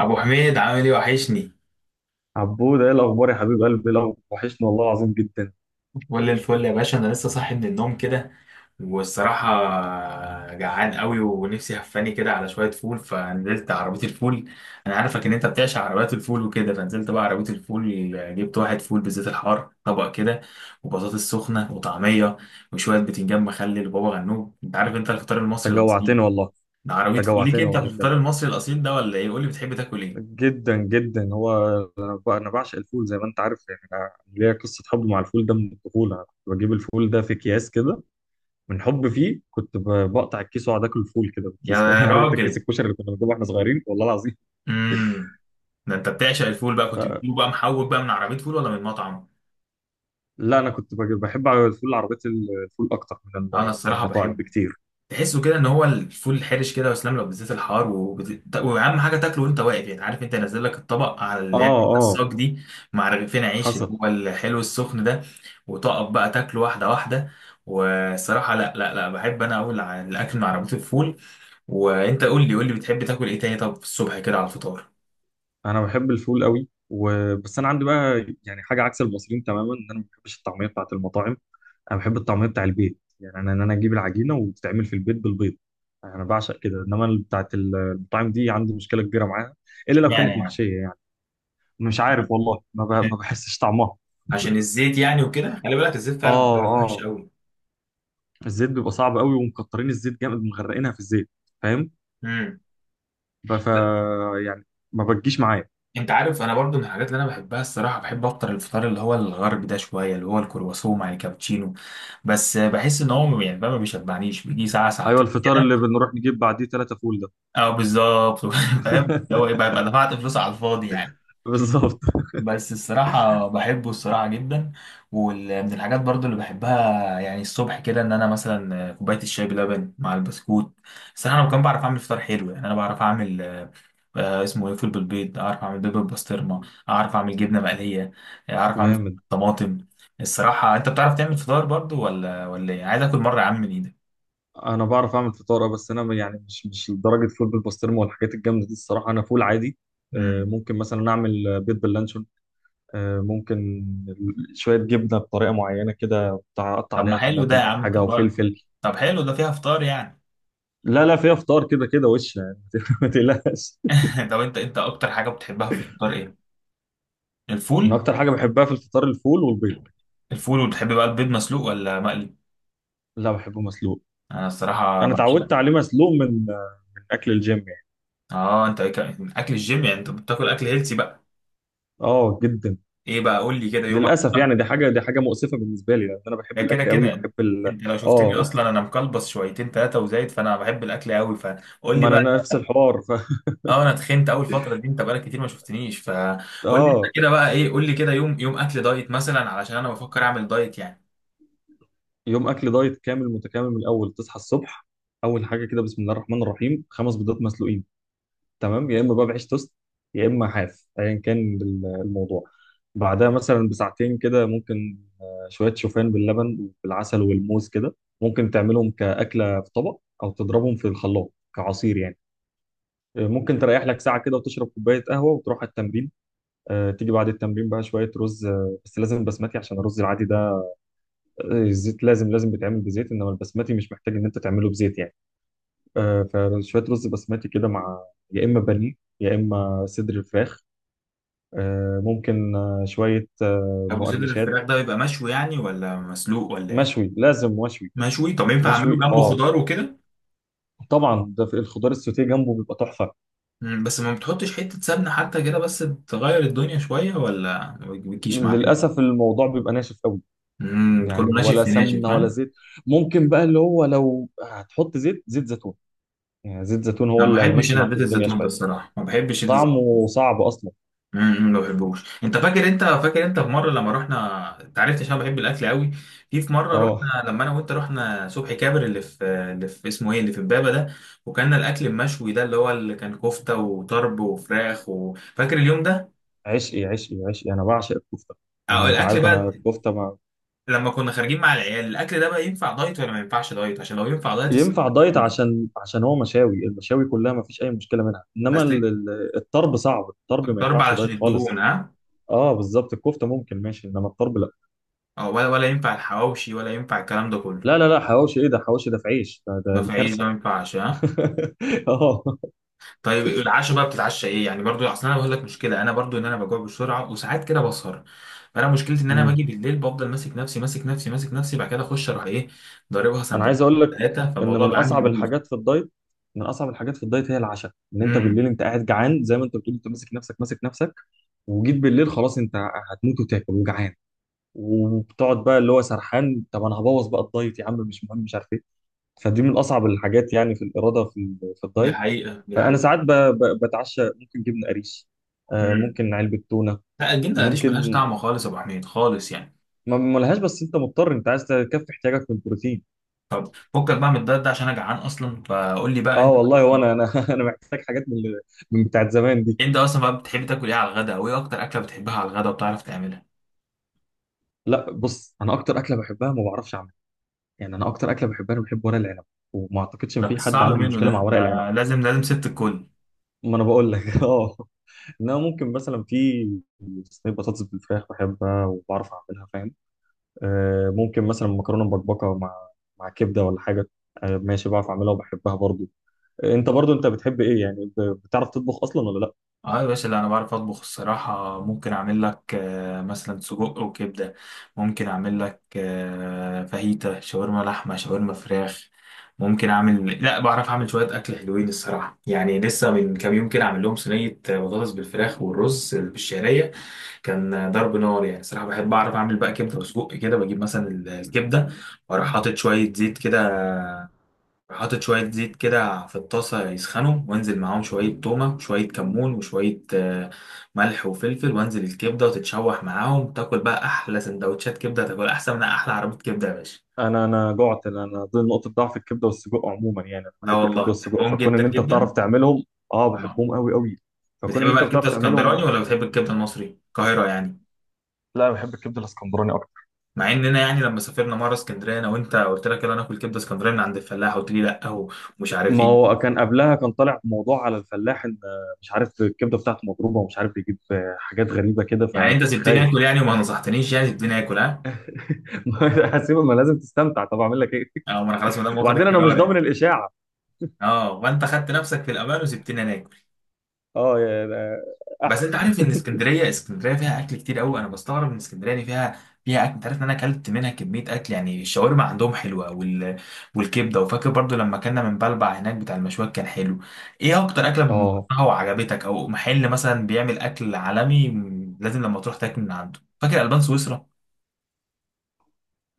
ابو حميد، عامل ايه؟ وحشني. عبود، ايه الاخبار يا حبيب قلبي؟ لو وحشني والله العظيم جدا. كل الفل يا باشا، انا لسه صاحي من النوم كده. والصراحه جعان قوي ونفسي هفاني كده على شويه فول، فنزلت عربيه الفول. انا عارفك ان انت بتعشق عربيات الفول وكده، فنزلت بقى عربيه الفول. جبت واحد فول بالزيت الحار طبق كده، وبطاطس سخنه وطعميه وشويه بتنجان مخلل وبابا غنوج. انت عارف، انت الفطار المصري انت الاصيل جوعتني والله. ده، عربيه انت فول ليك جوعتني انت في والله بجد. الفطار المصري الاصيل ده ولا ايه؟ قول لي بتحب تاكل ايه. جدا جدا هو بقى. انا بعشق الفول زي ما انت عارف، يعني انا ليا قصه حب مع الفول ده من الطفوله. أنا كنت بجيب الفول ده في اكياس كده، من حب فيه كنت بقطع الكيس واقعد اكل الفول كده بالكيس، فاهم؟ يا عارف انت كيس راجل. الكشري اللي كنا بنجيبه واحنا صغيرين، والله العظيم. امم ده انت بتعشق الفول بقى، كنت فلا، بتجيبه بقى محوج بقى من عربيه فول ولا من مطعم؟ انا كنت بجيب بحب الفول. عربيه الفول اكتر من انا من الصراحه المطاعم بحبه، بكتير. تحسه كده ان هو الفول الحرش كده وسلام، لو بالذات الحار، واهم حاجه تاكله وانت واقف، يعني عارف انت نازل لك الطبق على اه اللي هي الحتة اه. الصاج دي، مع رغيفين عيش اللي حصل. هو الحلو السخن ده، وتقف بقى تاكله واحده واحده. والصراحه لا لا لا، بحب انا اقول على الاكل من عربيه الفول. وانت قول لي قول لي بتحب تاكل ايه تاني، طب الصبح كده على الفطار؟ انا بحب الفول قوي وبس. انا عندي بقى يعني حاجه عكس المصريين تماما، ان انا ما بحبش الطعميه بتاعه المطاعم. انا بحب الطعميه بتاع البيت، يعني ان انا اجيب العجينه وتتعمل في البيت بالبيض. انا بعشق كده، انما بتاعه المطاعم دي عندي مشكله كبيره معاها، الا لو اشمعنى كانت يعني؟ محشيه يعني. مش عارف والله، ما بحسش طعمها. عشان الزيت يعني وكده، خلي بالك الزيت فعلا اه بتاعه وحش اه. قوي. الزيت بيبقى صعب قوي، ومكترين الزيت جامد، مغرقينها في الزيت، فاهم؟ امم ب- ف يعني ما بتجيش معايا. انت عارف انا برضو من الحاجات اللي انا بحبها الصراحه، بحب افطر الفطار اللي هو الغرب ده شويه، اللي هو الكرواسون مع الكابتشينو، بس بحس ان هو يعني بقى ما بيشبعنيش، بيجي ساعه ايوه، ساعتين الفطار كده. اللي بنروح نجيب بعديه ثلاثه فول ده. اه بالظبط. فاهم اللي هو ايه، بقى بقى دفعت فلوس على الفاضي يعني. بالظبط. بس الصراحة بحبه الصراحة جدا. ومن الحاجات برضو اللي بحبها يعني الصبح كده، ان انا مثلا كوباية الشاي بلبن مع البسكوت. الصراحة انا كمان بعرف اعمل فطار حلو، يعني انا بعرف اعمل اسمه ايه، فول بالبيض، اعرف اعمل بيض بالبسطرمة، اعرف اعمل جبنة مقلية، اعرف اعمل جامد. طماطم. الصراحة انت بتعرف تعمل فطار برضو ولا ايه؟ عايز اكل مرة يا عم من ايدك. انا بعرف اعمل فطاره، بس انا يعني مش لدرجه فول بالبسطرمه والحاجات الجامده دي، الصراحه انا فول عادي. مم. ممكن مثلا اعمل بيض باللانشون. ممكن شويه جبنه بطريقه معينه كده، أقطع طب عليها ما حلو ده طماطم يا او عم حاجه انت او بقى. فلفل. طب حلو ده، فيها فطار يعني؟ لا لا، فيها فطار كده كده وش يعني. ما تقلقش. لو انت اكتر حاجة بتحبها في الفطار ايه؟ انا الفول. اكتر حاجه بحبها في الفطار الفول والبيض. الفول، وتحب بقى البيض مسلوق ولا مقلي؟ لا، بحبه مسلوق. انا الصراحه انا اتعودت بعشقه. عليه مسلوق من اكل الجيم يعني. اه اكل الجيم يعني، انت بتاكل اكل هيلسي بقى؟ اه، جدا. ايه بقى، قول لي كده يومك. للاسف، يعني دي حاجه مؤسفه بالنسبه لي، لان انا بحب ده كده الاكل كده قوي، يعني، بحب انت لو شفتني اه، اصلا انا مكلبص شويتين ثلاثه وزايد، فانا بحب الاكل قوي، فقول لي ما بقى. انا نفس الحوار اه، انا تخنت اول فتره دي، انت بقالك كتير ما شفتنيش، فقول لي انت اه. كده بقى ايه، قول لي كده يوم، يوم اكل دايت مثلا، علشان انا بفكر اعمل دايت يعني. يوم اكل دايت كامل متكامل من الاول: تصحى الصبح، اول حاجه كده بسم الله الرحمن الرحيم، 5 بيضات مسلوقين. تمام، يا اما بقى بعيش توست، يا اما حاف، ايا كان الموضوع. بعدها مثلا بساعتين كده، ممكن شويه شوفان باللبن بالعسل والموز كده. ممكن تعملهم كاكله في طبق او تضربهم في الخلاط كعصير يعني. ممكن تريح لك ساعه كده وتشرب كوبايه قهوه وتروح على التمرين. تيجي بعد التمرين بقى شويه رز، بس لازم بسمتي، عشان الرز العادي ده الزيت لازم، لازم بيتعمل بزيت، انما البسمتي مش محتاج ان انت تعمله بزيت يعني. فشويه رز بسمتي كده مع، يا اما بانيه، يا اما صدر الفراخ. ممكن شويه ابو صدر مقرمشات. الفراخ ده بيبقى مشوي يعني ولا مسلوق ولا ايه؟ مشوي، لازم مشوي. مشوي، طب ينفع اعمله مشوي، جنبه اه. خضار وكده؟ طبعا، ده في الخضار السوتيه جنبه بيبقى تحفه. بس ما بتحطش حتة سمنة حتى كده بس، تغير الدنيا شوية، ولا ما بتجيش معاك؟ للاسف الموضوع بيبقى ناشف قوي. كله يعني ناشف ولا في ناشف، سمنه ولا فاهم. زيت. ممكن بقى اللي هو، لو هتحط زيت زيتون، يعني زيت زيتون هو انا ما اللي بحبش هيمشي انا معاك زيت الدنيا الزيتون ده، شويه. الصراحة ما بحبش زيت الزيتون. طعمه صعب اصلا. أمم، ما بحبوش. انت فاكر، انت في مرة لما رحنا، انت عرفت عشان أنا بحب الاكل قوي. في مرة اه. رحنا، لما انا وانت رحنا صبحي كابر، اللي في اسمه ايه، اللي في امبابة ده، وكان الاكل المشوي ده اللي هو اللي كان كفتة وطرب وفراخ، وفاكر اليوم ده؟ عشقي عشقي عشقي، انا بعشق الكفته. يعني أو انت الاكل عارف انا بقى، الكفته ما. لما كنا خارجين مع العيال، الاكل ده بقى ينفع دايت ولا ما ينفعش دايت؟ عشان لو ينفع دايت ينفع الصراحة. دايت، عشان هو المشاوي كلها ما فيش اي مشكله منها، انما بس الطرب صعب. الطرب ما ضرب ينفعش دايت علشان الدهون، خالص. ها. اه بالظبط، الكفته ممكن ماشي انما الطرب لا. أو ولا ينفع الحواوشي، ولا ينفع الكلام ده كله؟ لا لا لا، حواوشي ايه ده؟ حواوشي ده في عيش ده ده ده دي في عيش ده، كارثه. ما ينفعش ها. اه. طيب العشاء بقى بتتعشى ايه يعني؟ برضو اصل انا بقول لك مشكله، انا برضو ان انا بجوع بسرعه وساعات كده بسهر، فانا مشكلتي ان انا باجي امم. بالليل، بفضل ماسك نفسي ماسك نفسي ماسك نفسي، بعد كده اخش اروح ايه، ضاربها انا عايز سندوتشين اقول لك ثلاثه، ان فالموضوع بقى عندي بيبوظ. من اصعب الحاجات في الدايت هي العشاء. ان انت بالليل امم انت قاعد جعان زي ما انت بتقول، انت ماسك نفسك ماسك نفسك، وجيت بالليل خلاص، انت هتموت وتاكل وجعان، وبتقعد بقى اللي هو سرحان، طب انا هبوظ بقى الدايت يا عم، مش مهم، مش عارف ايه. فدي من اصعب الحاجات يعني في الاراده، في في دي الدايت. حقيقه دي فانا حقيقه. ساعات بتعشى ممكن جبنه قريش، امم ممكن علبه تونه. لا، الجبنه القريش ملهاش ممكن طعم خالص يا ابو حميد، خالص يعني. ما لهاش، بس انت مضطر، انت عايز تكفي احتياجك من البروتين. فكك بقى من الدايت ده، عشان انا جعان اصلا، فقول لي بقى اه انت، والله، وانا انا محتاج حاجات من من بتاعت زمان دي. انت اصلا بقى بتحب تاكل ايه على الغداء، او ايه اكتر اكله بتحبها على الغداء وبتعرف تعملها؟ لا بص، انا اكتر اكله بحبها ما بعرفش اعملها. يعني انا اكتر اكله بحبها، انا بحب ورق العنب، وما اعتقدش ان ده في حد الصعب عنده منه مشكله مع ده، ورق العنب. لازم لازم ست الكل. ما انا بقول لك. اه. انما ممكن مثلا في صينيه بطاطس بالفراخ بحبها وبعرف اعملها، فاهم؟ آه ممكن مثلا مكرونه مبكبكه مع كبده ولا حاجه، آه ماشي بعرف اعملها وبحبها برضو. آه، انت برضو بتحب ايه يعني؟ بتعرف تطبخ اصلا ولا لا؟ اه يا باشا، لا انا بعرف اطبخ الصراحه، ممكن اعمل لك مثلا سجق وكبده، ممكن اعمل لك فاهيتا شاورما، لحمه شاورما فراخ. ممكن اعمل لا، بعرف اعمل شويه اكل حلوين الصراحه، يعني لسه من كام يوم كده عامل لهم صينيه بطاطس بالفراخ والرز بالشعريه، كان ضرب نار يعني. صراحة بحب أعرف أعمل بقى كبدة وسجق كده، بجيب مثلا الكبدة، وأروح حاطط شوية زيت كده، في الطاسة يسخنوا، وأنزل معاهم شوية تومة وشوية كمون وشوية ملح وفلفل، وأنزل الكبدة وتتشوح معاهم، تاكل بقى أحلى سندوتشات كبدة، تاكل أحسن من أحلى عربية كبدة يا باشا. انا جعت. أنا دي نقطه ضعف الكبده والسجق عموما يعني. انا لا بحب الكبده والله والسجق، بحبهم فكون جدا ان انت بتعرف جدا. تعملهم، اه آه. بحبهم قوي قوي. فكون بتحب ان انت بقى الكبدة بتعرف تعملهم ده. اسكندراني ولا بتحب الكبدة المصري، القاهرة يعني؟ لا، انا بحب الكبده الاسكندراني. مع اننا يعني لما سافرنا مره اسكندريه انا وانت، قلت لك يلا ناكل كبده اسكندريه من عند الفلاح، قلت لي لا، هو مش عارف ما ايه. هو كان قبلها كان طالع موضوع على الفلاح، ان مش عارف الكبده بتاعته مضروبه، ومش عارف بيجيب حاجات غريبه كده، يعني انت فكنت سبتني خايف. اكل يعني، وما نصحتنيش يعني، سبتني اكل، ها؟ هسيبه، ما لازم تستمتع، طب اعمل لك ايه؟ اه، ما انا خلاص ما دام واخد وبعدين انا مش القرار ضامن يعني. الاشاعه. اه، وانت خدت نفسك في الامان، وسبتني انا اكل. اه يعني بس احسن. انت عارف ان اسكندريه، اسكندريه فيها اكل كتير قوي، انا بستغرب ان اسكندريه دي فيها اكل. انت عارف ان انا اكلت منها كميه اكل يعني، الشاورما عندهم حلوه، والكبده. وفاكر برضو لما كنا من بلبع هناك بتاع المشويات، كان حلو. ايه اكتر اكله اه، بتكرهها وعجبتك، او محل مثلا بيعمل اكل عالمي لازم لما تروح تاكل من عنده؟ فاكر البان سويسرا؟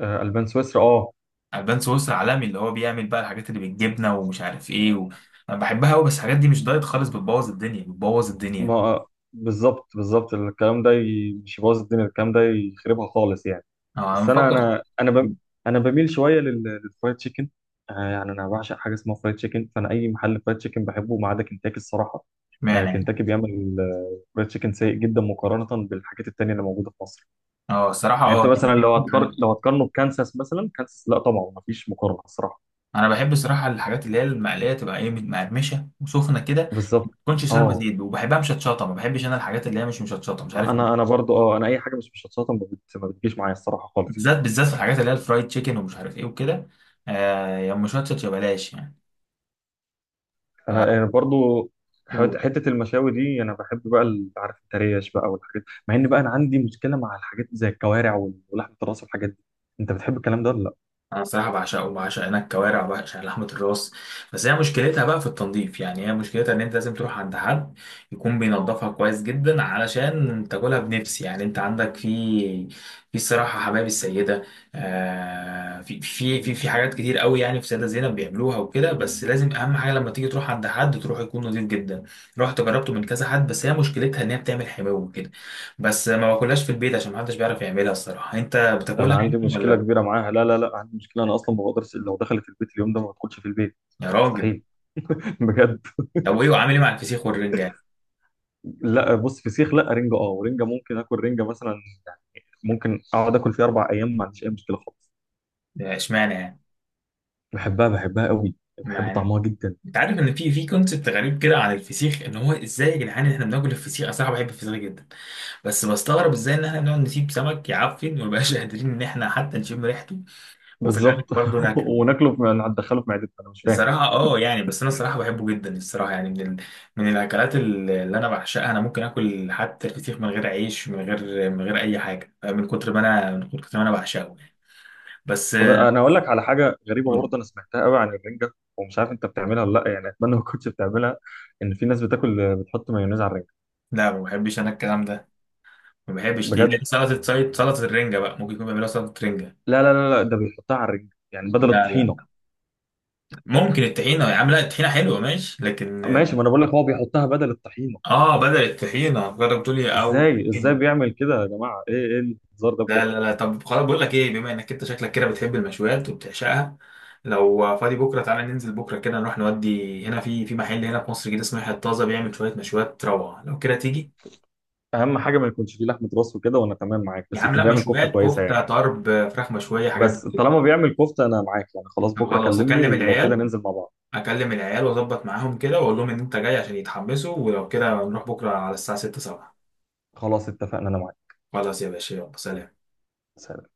البان سويسرا اه. البان سويسرا عالمي، اللي هو بيعمل بقى الحاجات اللي بالجبنه ومش عارف ايه انا بحبها قوي، بس الحاجات دي مش دايت خالص، بتبوظ الدنيا بتبوظ الدنيا. ما بالظبط بالظبط، الكلام ده مش يبوظ الدنيا، الكلام ده يخربها خالص يعني. انا بس انا مفكر. بميل شويه للفرايد تشيكن. آه يعني انا بعشق حاجه اسمها فرايد تشيكن، فانا اي محل فرايد تشيكن بحبه ما عدا كنتاكي الصراحه. آه اشمعنى يعني؟ كنتاكي بيعمل فرايد تشيكن سيء جدا مقارنه بالحاجات التانيه اللي موجوده في مصر. اه الصراحة يعني انت اه مثلا يعني. لو هتقارنه بكانساس مثلا، كانساس، لا طبعا ما فيش مقارنه الصراحه. انا بحب الصراحة الحاجات اللي هي المقلية، تبقى ايه مقرمشة وسخنة كده، ما بالظبط تكونش شاربة اه. زيت، وبحبها مشطشطة، ما بحبش انا الحاجات اللي هي مش مشطشطة، مش عارف انا ليه. برضو اه، انا اي حاجه مش مشطشطه ما بتجيش معايا الصراحه خالص. بالذات بالذات في الحاجات اللي هي الفرايد تشيكن ومش عارف ايه وكده، آه يا مشطشط يا بلاش يعني. أنا برضو، حته المشاوي دي انا بحب بقى عارف التريش بقى والحاجات، مع ان بقى انا عندي مشكله مع الحاجات زي الكوارع ولحمه الراس والحاجات دي. انت بتحب الكلام ده ولا لا؟ انا صراحه بعشقه، بعشق هناك كوارع وبعشق لحمه الراس، بس هي مشكلتها بقى في التنظيف يعني، هي مشكلتها ان انت لازم تروح عند حد يكون بينظفها كويس جدا علشان تاكلها بنفس، يعني انت عندك في الصراحه حبايب السيده. آه، في في في في حاجات كتير قوي يعني، في سيده زينب بيعملوها وكده، بس لازم اهم حاجه لما تيجي تروح عند حد، تروح يكون نظيف جدا. رحت جربته من كذا حد، بس هي مشكلتها ان هي بتعمل حماوه وكده، بس ما باكلهاش في البيت عشان محدش بيعرف يعملها الصراحه. انت انا بتاكلها عندي يعني مشكله ولا؟ كبيره معاها. لا لا لا، عندي مشكله. انا اصلا ما بقدرش، لو دخلت البيت اليوم ده ما بدخلش في البيت. يا راجل. مستحيل. بجد. طب وايه، وعامل ايه مع الفسيخ والرنجة يعني؟ لا بص، فسيخ لا، رنجه اه، ورنجه ممكن اكل رنجه مثلا. ممكن اقعد اكل فيها 4 ايام ما عنديش اي مشكله خالص. ده اشمعنى يعني؟ بحبها، بحبها قوي. بحب مع إن- طعمها جدا. انت عارف ان في كونسبت غريب كده عن الفسيخ، ان هو ازاي يا جدعان ان احنا بناكل الفسيخ؟ انا صراحه بحب الفسيخ جدا، بس بستغرب ازاي ان احنا بنقعد نسيب سمك يعفن، ومبقاش قادرين ان احنا حتى نشم ريحته، وفي الاخر بالظبط. برضه ناكله. وناكله ندخله في معدتنا، انا مش فاهم. الصراحه اه يعني، بس انا الصراحه بحبه جدا الصراحه، يعني من الاكلات اللي انا بعشقها، انا ممكن اكل حتى الفسيخ من غير عيش، من غير اي حاجه، من كتر ما انا من كتر ما انا بعشقه يعني. بس طب انا اقول لك على حاجه غريبه برضه، انا سمعتها قوي عن الرنجه، ومش عارف انت بتعملها ولا لا يعني، اتمنى ما كنتش بتعملها، ان في ناس بتاكل بتحط مايونيز على الرنجه. لا ما بحبش انا الكلام ده، ما بحبش دي بجد. سلطه سلطه سلطة الرنجه بقى، ممكن يكون بيعملوها سلطه رنجه. لا لا لا لا، ده بيحطها على الرنجه يعني بدل لا الطحينه. لا. ممكن الطحينه يا عم، لا الطحينه حلوه ماشي لكن. ماشي، ما انا بقول لك هو بيحطها بدل الطحينه. اه بدل الطحينه، جرب تقول لي او ازاي الطحينة. بيعمل كده يا جماعه؟ ايه ايه الهزار ده لا بجد؟ لا لا، طب خلاص بقول لك ايه، بما انك انت شكلك كده بتحب المشويات وبتعشقها، لو فاضي بكره تعالى ننزل بكره كده، نروح نودي هنا في محل هنا في مصر كده اسمه يحيى الطازه، بيعمل شويه مشويات روعه، لو كده تيجي. اهم حاجه ما يكونش فيه لحمه راس وكده وانا تمام معاك، يا بس عم يكون لا، بيعمل كفته مشويات كويسه كفته يعني. طرب، فراخ مشويه، حاجات دي بس كده. طالما بيعمل كفته انا معاك، يعني خلاص طب بكره خلاص، كلمني، هكلم ولو كده العيال، ننزل مع بعض. اكلم العيال واظبط معاهم كده، واقول لهم ان انت جاي عشان يتحمسوا، ولو كده نروح بكره على الساعه 6 7. خلاص، اتفقنا، انا معاك. خلاص يا باشا، يلا سلام. سلام.